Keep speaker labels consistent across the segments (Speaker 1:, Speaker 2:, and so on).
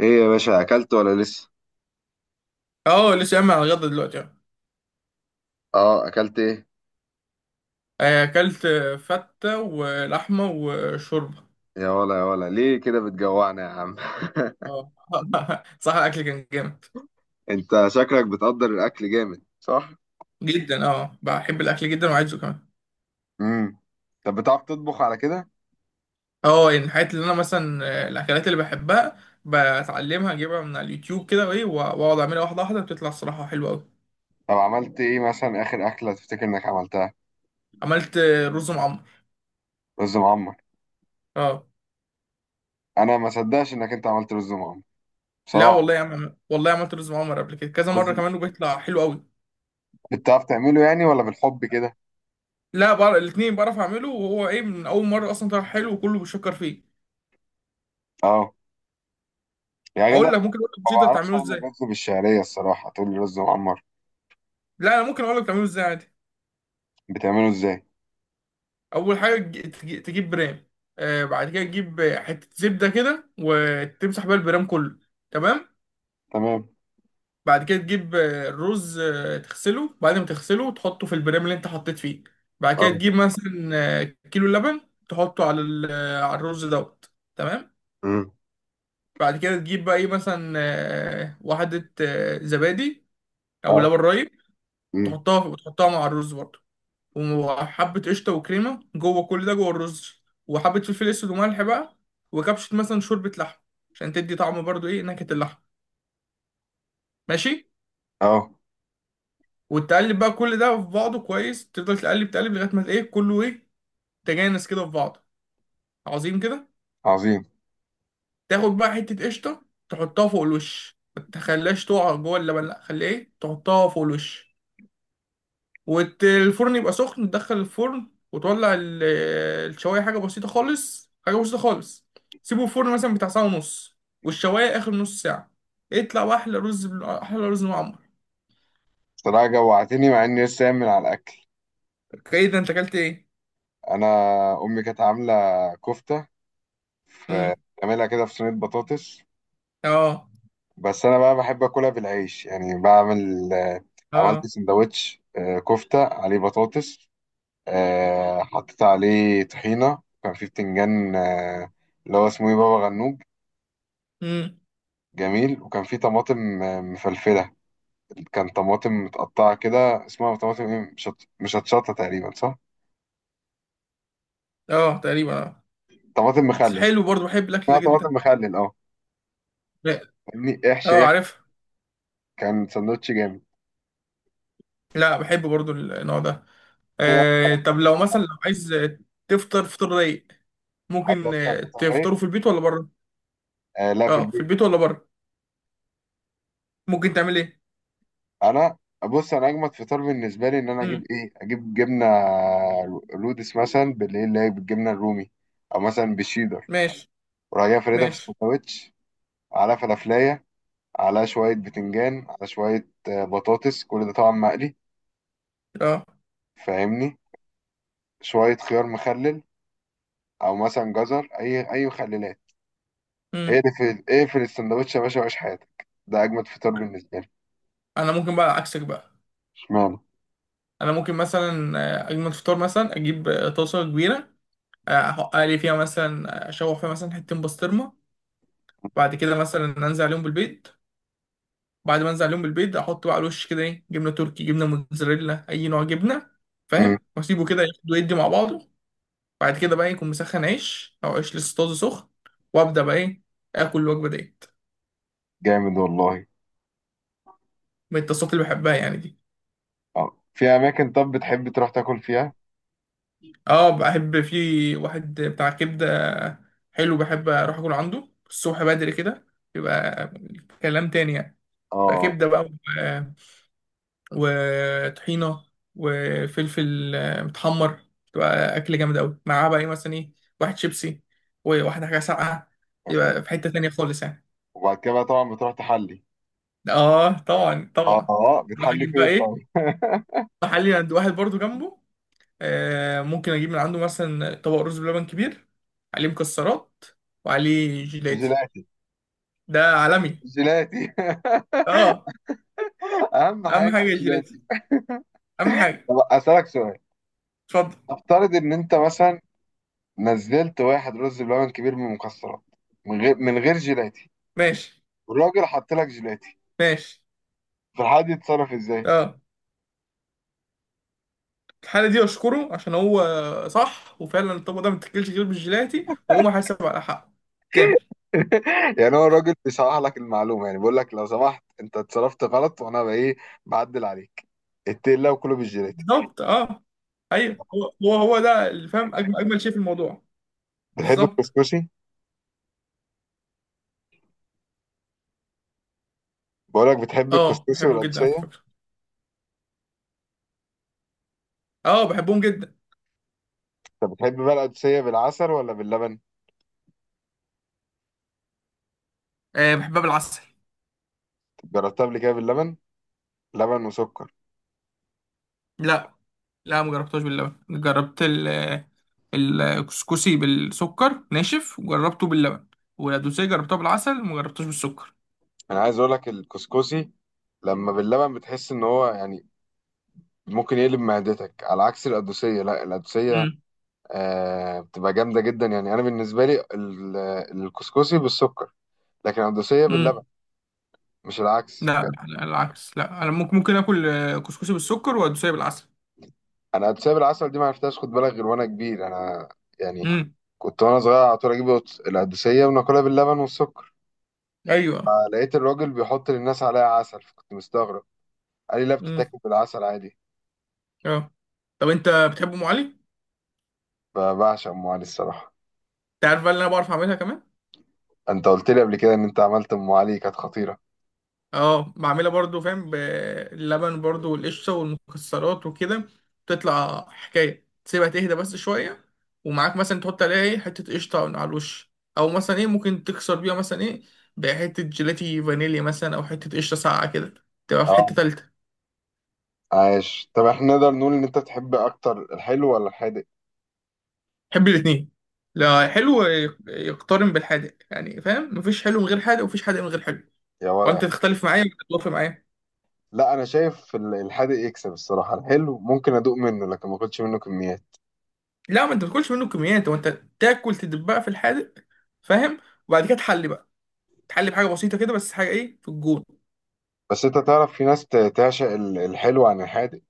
Speaker 1: ايه يا باشا، اكلت ولا لسه؟
Speaker 2: اه لسه قايم على الغدا دلوقتي اه.
Speaker 1: اه، اكلت ايه؟
Speaker 2: اكلت فتة ولحمة وشوربة.
Speaker 1: يا ولا يا ولا، ليه كده بتجوعنا يا عم؟
Speaker 2: اه. صح الاكل كان جامد.
Speaker 1: انت شكلك بتقدر الاكل جامد، صح؟
Speaker 2: جدا، بحب الاكل جدا وعايزه كمان.
Speaker 1: امم. طب بتعرف تطبخ على كده؟
Speaker 2: اه، يعني الحاجات اللي انا مثلا الاكلات اللي بحبها بتعلمها، اجيبها من على اليوتيوب كده، وايه، واقعد اعملها واحدة واحدة، بتطلع الصراحة حلوة قوي.
Speaker 1: طب عملت ايه مثلا اخر اكله تفتكر انك عملتها؟
Speaker 2: عملت رز معمر.
Speaker 1: رز معمر.
Speaker 2: اه.
Speaker 1: انا ما صدقش انك انت عملت رز معمر
Speaker 2: لا
Speaker 1: بصراحه.
Speaker 2: والله يا عم، والله عملت رز معمر قبل كده كذا
Speaker 1: رز.
Speaker 2: مرة كمان، وبيطلع حلو قوي.
Speaker 1: بتعرف تعمله يعني ولا بالحب كده؟
Speaker 2: لا بقى، الاتنين بعرف اعمله، وهو ايه، من اول مرة اصلا طلع حلو وكله بيشكر فيه.
Speaker 1: اه. يا جدع.
Speaker 2: اقول لك، ممكن اقول لك
Speaker 1: ما
Speaker 2: بسيطه
Speaker 1: بعرفش
Speaker 2: تعمله
Speaker 1: اعمل
Speaker 2: ازاي.
Speaker 1: رز بالشعريه الصراحه، تقول لي رز معمر؟
Speaker 2: لا، انا ممكن اقول لك تعمله ازاي عادي.
Speaker 1: بتعمله ازاي؟
Speaker 2: اول حاجه تجيب برام. آه، بعد كده تجيب حته زبده كده وتمسح بيها البرام كله. تمام.
Speaker 1: تمام.
Speaker 2: بعد كده تجيب الرز، تغسله، بعد ما تغسله تحطه في البرام اللي انت حطيت فيه. بعد
Speaker 1: اه.
Speaker 2: كده تجيب مثلا آه، كيلو لبن، تحطه على على الرز دوت. تمام.
Speaker 1: امم.
Speaker 2: بعد كده تجيب بقى، ايه، مثلا واحده زبادي، او
Speaker 1: اه.
Speaker 2: لبن رايب.
Speaker 1: امم.
Speaker 2: تحطها مع الرز برضه، وحبة قشطة وكريمة جوه، كل ده جوه الرز، وحبة فلفل أسود وملح بقى، وكبشة مثلا شوربة لحم، عشان تدي طعم برضو، إيه، نكهة اللحم. ماشي.
Speaker 1: اه.
Speaker 2: وتقلب بقى كل ده في بعضه كويس، تفضل تقلب تقلب لغاية ما إيه كله إيه، تجانس كده في بعضه. عظيم كده.
Speaker 1: عظيم.
Speaker 2: تاخد بقى حتة قشطة، تحطها فوق الوش، ما تخليهاش تقع جوه اللبن، لأ خليه إيه، تحطها فوق الوش. والفرن يبقى سخن، تدخل الفرن، وتولع الشوايه، حاجه بسيطه خالص، حاجه بسيطه خالص. سيبه في الفرن مثلا بتاع ساعه ونص، والشوايه اخر نص ساعه. اطلع، واحلى احلى رز معمر.
Speaker 1: بصراحة جوعتني مع إني لسه قايم من على الأكل.
Speaker 2: اوكي، ده انت اكلت ايه؟
Speaker 1: أنا، أمي كانت عاملة كفتة، في
Speaker 2: امم.
Speaker 1: بتعملها كده في صينية بطاطس.
Speaker 2: اه.
Speaker 1: بس أنا بقى بحب آكلها بالعيش، يعني بعمل عملت
Speaker 2: اه.
Speaker 1: سندوتش، كفتة عليه بطاطس. حطيت عليه طحينة، وكان فيه بتنجان اللي هو اسمه إيه، بابا غنوج
Speaker 2: امم.
Speaker 1: جميل. وكان فيه طماطم مفلفلة. كان طماطم متقطعة كده، اسمها طماطم إيه، مش مشطشطة تقريبا صح؟
Speaker 2: اه، تقريبا اه.
Speaker 1: طماطم
Speaker 2: بس
Speaker 1: مخلل.
Speaker 2: حلو برضه، بحب الاكل
Speaker 1: اسمها
Speaker 2: ده
Speaker 1: طماطم
Speaker 2: جدا.
Speaker 1: مخلل أه.
Speaker 2: لا،.
Speaker 1: فاهمني، احشي
Speaker 2: اه،
Speaker 1: احشي.
Speaker 2: عارف.
Speaker 1: كان سندوتش جامد.
Speaker 2: لا، بحب برضه النوع ده.
Speaker 1: إيه،
Speaker 2: طب لو مثلا، لو عايز تفطر فطار رايق،
Speaker 1: عايز
Speaker 2: ممكن
Speaker 1: افطر فطار
Speaker 2: تفطره
Speaker 1: ايه؟
Speaker 2: في البيت ولا بره؟
Speaker 1: آه لا، في
Speaker 2: اه، في
Speaker 1: البيت.
Speaker 2: البيت ولا بره، ممكن تعمل ايه؟
Speaker 1: انا، بص انا اجمد فطار بالنسبه لي ان انا اجيب
Speaker 2: امم.
Speaker 1: ايه، اجيب جبنه رودس مثلا بالليل، اللي هي بالجبنه الرومي، او مثلا بالشيدر،
Speaker 2: ماشي.
Speaker 1: وراح جاي فردها في
Speaker 2: ماشي.
Speaker 1: السندوتش، على فلافلايه، على شويه بتنجان، على شويه بطاطس، كل ده طبعا مقلي،
Speaker 2: اه.
Speaker 1: فاهمني؟ شويه خيار مخلل، او مثلا جزر، اي مخللات.
Speaker 2: امم.
Speaker 1: ايه في السندوتش يا باشا، وعيش حياتك، ده اجمد فطار بالنسبه لي.
Speaker 2: انا ممكن بقى عكسك بقى.
Speaker 1: اشمعنى؟
Speaker 2: انا ممكن مثلا اجمل فطار، مثلا اجيب طاسه كبيره، احط لي فيها مثلا اشوح فيها مثلا حتتين بسطرمه. بعد كده مثلا انزل عليهم بالبيض. بعد ما انزل عليهم بالبيض، احط بقى على الوش كده، ايه، جبنه تركي، جبنه موتزاريلا، اي نوع جبنه، فاهم، واسيبه كده ياخد ويدي مع بعضه. بعد كده بقى إيه، يكون مسخن عيش، او عيش لسه طازه سخن، وابدا بقى ايه، اكل الوجبه ديت.
Speaker 1: جامد والله.
Speaker 2: من التصاصات اللي بحبها يعني دي.
Speaker 1: اه، في اماكن طب بتحب تروح تاكل فيها؟
Speaker 2: اه، بحب في واحد بتاع كبدة حلو، بحب اروح اكل عنده الصبح بدري كده، يبقى كلام تاني يعني. بقى
Speaker 1: اه،
Speaker 2: كبدة بقى وطحينة وفلفل متحمر، تبقى أكل جامد أوي، معاه بقى إيه مثلا إيه، واحد شيبسي وواحدة حاجة ساقعة.
Speaker 1: مثلا.
Speaker 2: يبقى في حتة تانية خالص يعني.
Speaker 1: وبعد كده بقى طبعا بتروح تحلي؟
Speaker 2: آه، طبعا
Speaker 1: اه،
Speaker 2: طبعا. أروح
Speaker 1: بتحلي
Speaker 2: أجيب بقى
Speaker 1: فين طبعا؟
Speaker 2: إيه، محلي عند واحد برضو جنبه، ممكن اجيب من عنده مثلا طبق رز بلبن كبير، عليه مكسرات، وعليه جيلاتي.
Speaker 1: جيلاتي.
Speaker 2: ده عالمي.
Speaker 1: جيلاتي.
Speaker 2: اه،
Speaker 1: اهم
Speaker 2: اهم
Speaker 1: حاجه
Speaker 2: حاجه
Speaker 1: جيلاتي.
Speaker 2: الجيلاتي. اهم حاجه.
Speaker 1: طب اسالك سؤال،
Speaker 2: اتفضل.
Speaker 1: افترض ان انت مثلا نزلت واحد رز بلبن كبير من المكسرات، من غير جيلاتي،
Speaker 2: ماشي.
Speaker 1: والراجل حط لك جيلاتي،
Speaker 2: ماشي.
Speaker 1: فالحد يتصرف ازاي؟
Speaker 2: اه. الحالة دي اشكره، عشان هو صح، وفعلا الطبق ده ما بتاكلش غير بالجيلاتي، وهو محاسب على حقه كامل.
Speaker 1: يعني هو الراجل بيصحح لك المعلومه، يعني بيقول لك لو سمحت انت اتصرفت غلط، وانا بايه بعدل عليك، اتقل الله وكله بالجيلاتي.
Speaker 2: بالظبط اه. ايوه، هو ده اللي فاهم اجمل اجمل شيء في الموضوع.
Speaker 1: بتحب
Speaker 2: بالظبط.
Speaker 1: الكسكسي؟ بقولك بتحب
Speaker 2: اه،
Speaker 1: الكسكسي
Speaker 2: بحبه جدا على
Speaker 1: والقدسية؟
Speaker 2: فكره. اه، بحبهم جدا.
Speaker 1: طب بتحب بقى القدسية بالعسل ولا باللبن؟
Speaker 2: آه، بحبها بالعسل.
Speaker 1: جربتها قبل كده باللبن، لبن وسكر؟
Speaker 2: لا. لا، ما جربتهاش باللبن، جربت الكسكسي بالسكر ناشف، وجربته باللبن. والدوسيه جربتها بالعسل، وما جربتهاش بالسكر.
Speaker 1: انا عايز اقولك الكسكسي لما باللبن بتحس ان هو يعني ممكن يقلب معدتك، على عكس القدوسية، لا القدوسية
Speaker 2: مم.
Speaker 1: آه بتبقى جامدة جدا. يعني انا بالنسبة لي الكسكسي بالسكر، لكن القدوسية باللبن،
Speaker 2: امم.
Speaker 1: مش العكس.
Speaker 2: لا. لا، العكس، لا، انا ممكن اكل كسكسي بالسكر والدوسيه بالعسل.
Speaker 1: انا القدوسية بالعسل دي ما عرفتهاش خد بالك غير وانا كبير. انا يعني
Speaker 2: امم.
Speaker 1: كنت وانا صغير على طول اجيب القدوسية وناكلها باللبن والسكر،
Speaker 2: ايوه.
Speaker 1: لقيت الراجل بيحط للناس عليها عسل، فكنت مستغرب، قال لي لا،
Speaker 2: امم.
Speaker 1: بتتاكل بالعسل عادي.
Speaker 2: اه، طب انت بتحب ام علي؟
Speaker 1: فبعشق ام علي الصراحه.
Speaker 2: انت عارف بقى اللي انا بعرف اعملها كمان.
Speaker 1: انت قلت لي قبل كده ان انت عملت ام علي كانت خطيره.
Speaker 2: اه، بعملها برضو فاهم، باللبن برضو والقشطة والمكسرات وكده، تطلع حكاية. تسيبها تهدى بس شوية، ومعاك مثلا تحط عليها ايه حتة قشطة على الوش، أو مثلا ايه ممكن تكسر بيها مثلا ايه، بحتة جيلاتي فانيليا مثلا، أو حتة قشطة ساقعة كده، تبقى في حتة
Speaker 1: اه،
Speaker 2: تالتة.
Speaker 1: عايش. طب احنا نقدر نقول ان انت تحب اكتر الحلو ولا الحادق؟
Speaker 2: بحب الاتنين. لا، حلو يقترن بالحادق يعني، فاهم، مفيش حلو من غير حادق، ومفيش حادق من غير حلو.
Speaker 1: يا ولا يا
Speaker 2: وانت
Speaker 1: حلو.
Speaker 2: تختلف معايا ولا تتوافق معايا؟
Speaker 1: لا، انا شايف الحادق يكسب الصراحه. الحلو ممكن ادوق منه لكن ما اكلش منه كميات.
Speaker 2: لا، ما انت ما تاكلش منه كميات، وانت تاكل، تدبها في الحادق فاهم، وبعد كده تحلي بقى، تحلي بحاجه بسيطه كده، بس حاجه ايه في الجون.
Speaker 1: بس انت تعرف في ناس تعشق الحلو عن الحادق،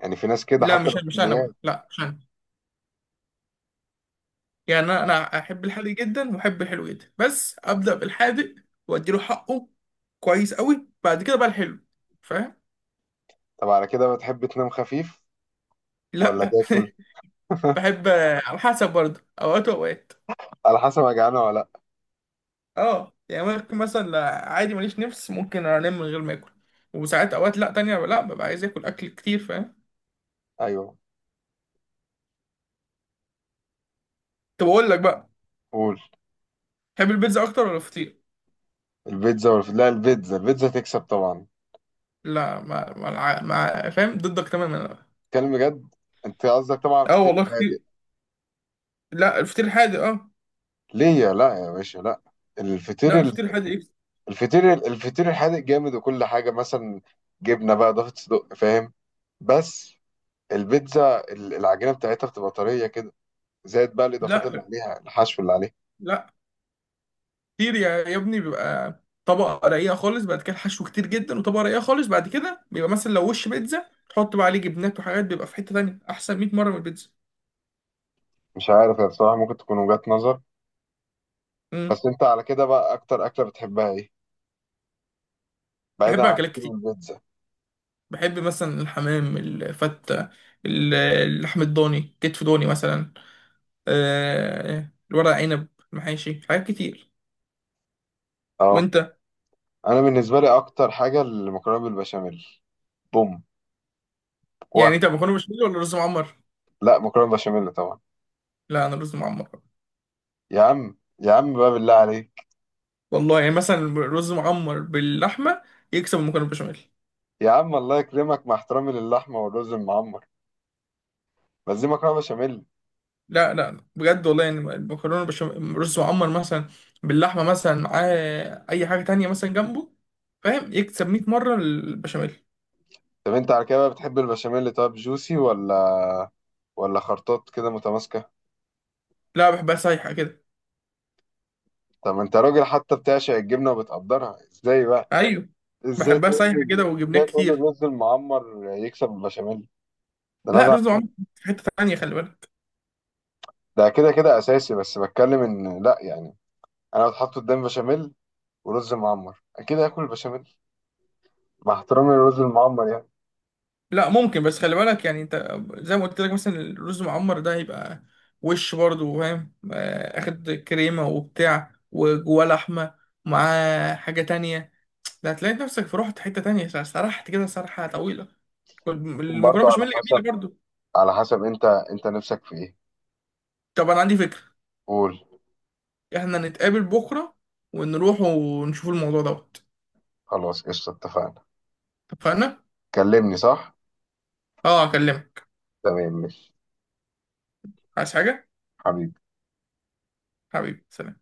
Speaker 1: يعني في ناس كده
Speaker 2: لا،
Speaker 1: حتى
Speaker 2: مش
Speaker 1: لو
Speaker 2: مش انا
Speaker 1: كميات.
Speaker 2: بقى، لا، مش انا. يعني انا احب الحادق جدا، واحب الحلو جدا، بس ابدا بالحادق، واديله حقه كويس قوي، بعد كده بقى الحلو، فاهم.
Speaker 1: طب على كده بتحب تنام خفيف ولا
Speaker 2: لا.
Speaker 1: تاكل؟
Speaker 2: بحب. على حسب برضه، اوقات واوقات.
Speaker 1: على حسب، انا جعانه ولا لا.
Speaker 2: اه يعني، ممكن مثلا لا، عادي ماليش نفس ممكن انام من غير ما اكل. وساعات اوقات لا تانية، لا، ببقى عايز اكل، اكل كتير فاهم.
Speaker 1: ايوه.
Speaker 2: طب اقول لك بقى،
Speaker 1: قول.
Speaker 2: تحب البيتزا اكتر ولا الفطير؟
Speaker 1: البيتزا، ولا لا، البيتزا تكسب طبعا.
Speaker 2: لا، ما فاهم ضدك تماما أنا.
Speaker 1: كلام بجد. انت قصدك طبعا على
Speaker 2: اه
Speaker 1: الفطير
Speaker 2: والله.
Speaker 1: الهادئ.
Speaker 2: لا، الفطير الحادق اه.
Speaker 1: ليه يا، لا يا باشا، لا. الفطير
Speaker 2: لا، الفطير الحادق ايه.
Speaker 1: الفطير الفطير الحادق جامد، وكل حاجه مثلا جبنه بقى اضافه صدق، فاهم؟ بس البيتزا العجينه بتاعتها بتبقى طريه كده، زائد بقى الاضافات اللي
Speaker 2: لا.
Speaker 1: عليها، الحشو اللي عليها.
Speaker 2: لا، كتير يا ابني، بيبقى طبقة رقيقة خالص، بعد كده الحشو كتير جدا، وطبقة رقيقة خالص، بعد كده بيبقى مثلا لو وش بيتزا، تحط بقى عليه جبنات وحاجات، بيبقى في حتة تانية أحسن 100 مرة من البيتزا.
Speaker 1: مش عارف يا، بصراحه ممكن تكون وجهات نظر.
Speaker 2: امم.
Speaker 1: بس انت على كده بقى اكتر اكله بتحبها ايه، بعيدا
Speaker 2: بحب
Speaker 1: عن
Speaker 2: أكلات
Speaker 1: الفطير
Speaker 2: كتير.
Speaker 1: والبيتزا؟
Speaker 2: بحب مثلا الحمام، الفتة، اللحم الضاني، كتف ضاني مثلا، الورق عنب، المحاشي، حاجات كتير.
Speaker 1: اه.
Speaker 2: وأنت؟
Speaker 1: انا بالنسبه لي اكتر حاجه المكرونه بالبشاميل. بوم.
Speaker 2: يعني أنت مكرونة بشاميل ولا رز معمر؟
Speaker 1: لا، مكرونه بشاميل طبعا.
Speaker 2: لا، أنا رز معمر.
Speaker 1: يا عم يا عم بقى بالله عليك.
Speaker 2: والله يعني مثلا رز معمر باللحمه يكسب المكرونه بالبشاميل.
Speaker 1: يا عم الله يكرمك، مع احترامي للحمه والرز المعمر، بس دي مكرونه بشاميل.
Speaker 2: لا لا، بجد والله يعني، المكرونه بالبشاميل، رز معمر مثلا باللحمه مثلا معاه، اي حاجه تانية مثلا جنبه، فاهم، يكسب 100 مره البشاميل.
Speaker 1: طب انت على كده بقى بتحب البشاميل، طب جوسي ولا خرطات كده متماسكه؟
Speaker 2: لا، بحبها سايحه كده.
Speaker 1: طب ما انت راجل حتى بتعشق الجبنه وبتقدرها ازاي بقى،
Speaker 2: ايوه، بحبها سايحه كده وجبنات
Speaker 1: ازاي تقول لي
Speaker 2: كتير.
Speaker 1: الرز المعمر يكسب البشاميل؟ ده
Speaker 2: لا،
Speaker 1: نزع.
Speaker 2: رز معمر، في حته تانية خلي بالك.
Speaker 1: ده كده كده اساسي، بس بتكلم ان لا يعني انا لو اتحط قدام بشاميل ورز معمر اكيد هاكل البشاميل، مع احترامي للرز المعمر يعني.
Speaker 2: لا ممكن، بس خلي بالك يعني انت زي ما قلت لك، مثلا الرز معمر ده هيبقى وش برضه فاهم، اخد كريمه وبتاع وجواه لحمه، مع حاجه تانية، ده هتلاقي نفسك في، رحت حته تانية، سرحت كده سرحه طويله.
Speaker 1: ممكن
Speaker 2: المكرونه
Speaker 1: برضه على
Speaker 2: بشاميل جميله
Speaker 1: حسب،
Speaker 2: برضه.
Speaker 1: على حسب انت نفسك في ايه.
Speaker 2: طب انا عندي فكره،
Speaker 1: قول.
Speaker 2: احنا نتقابل بكره، ونروح ونشوف الموضوع دوت.
Speaker 1: خلاص قشطة، اتفقنا.
Speaker 2: اتفقنا.
Speaker 1: كلمني صح.
Speaker 2: اه، اكلمك.
Speaker 1: تمام ماشي.
Speaker 2: عايز حاجه؟
Speaker 1: حبيبي.
Speaker 2: حبيبي، سلام.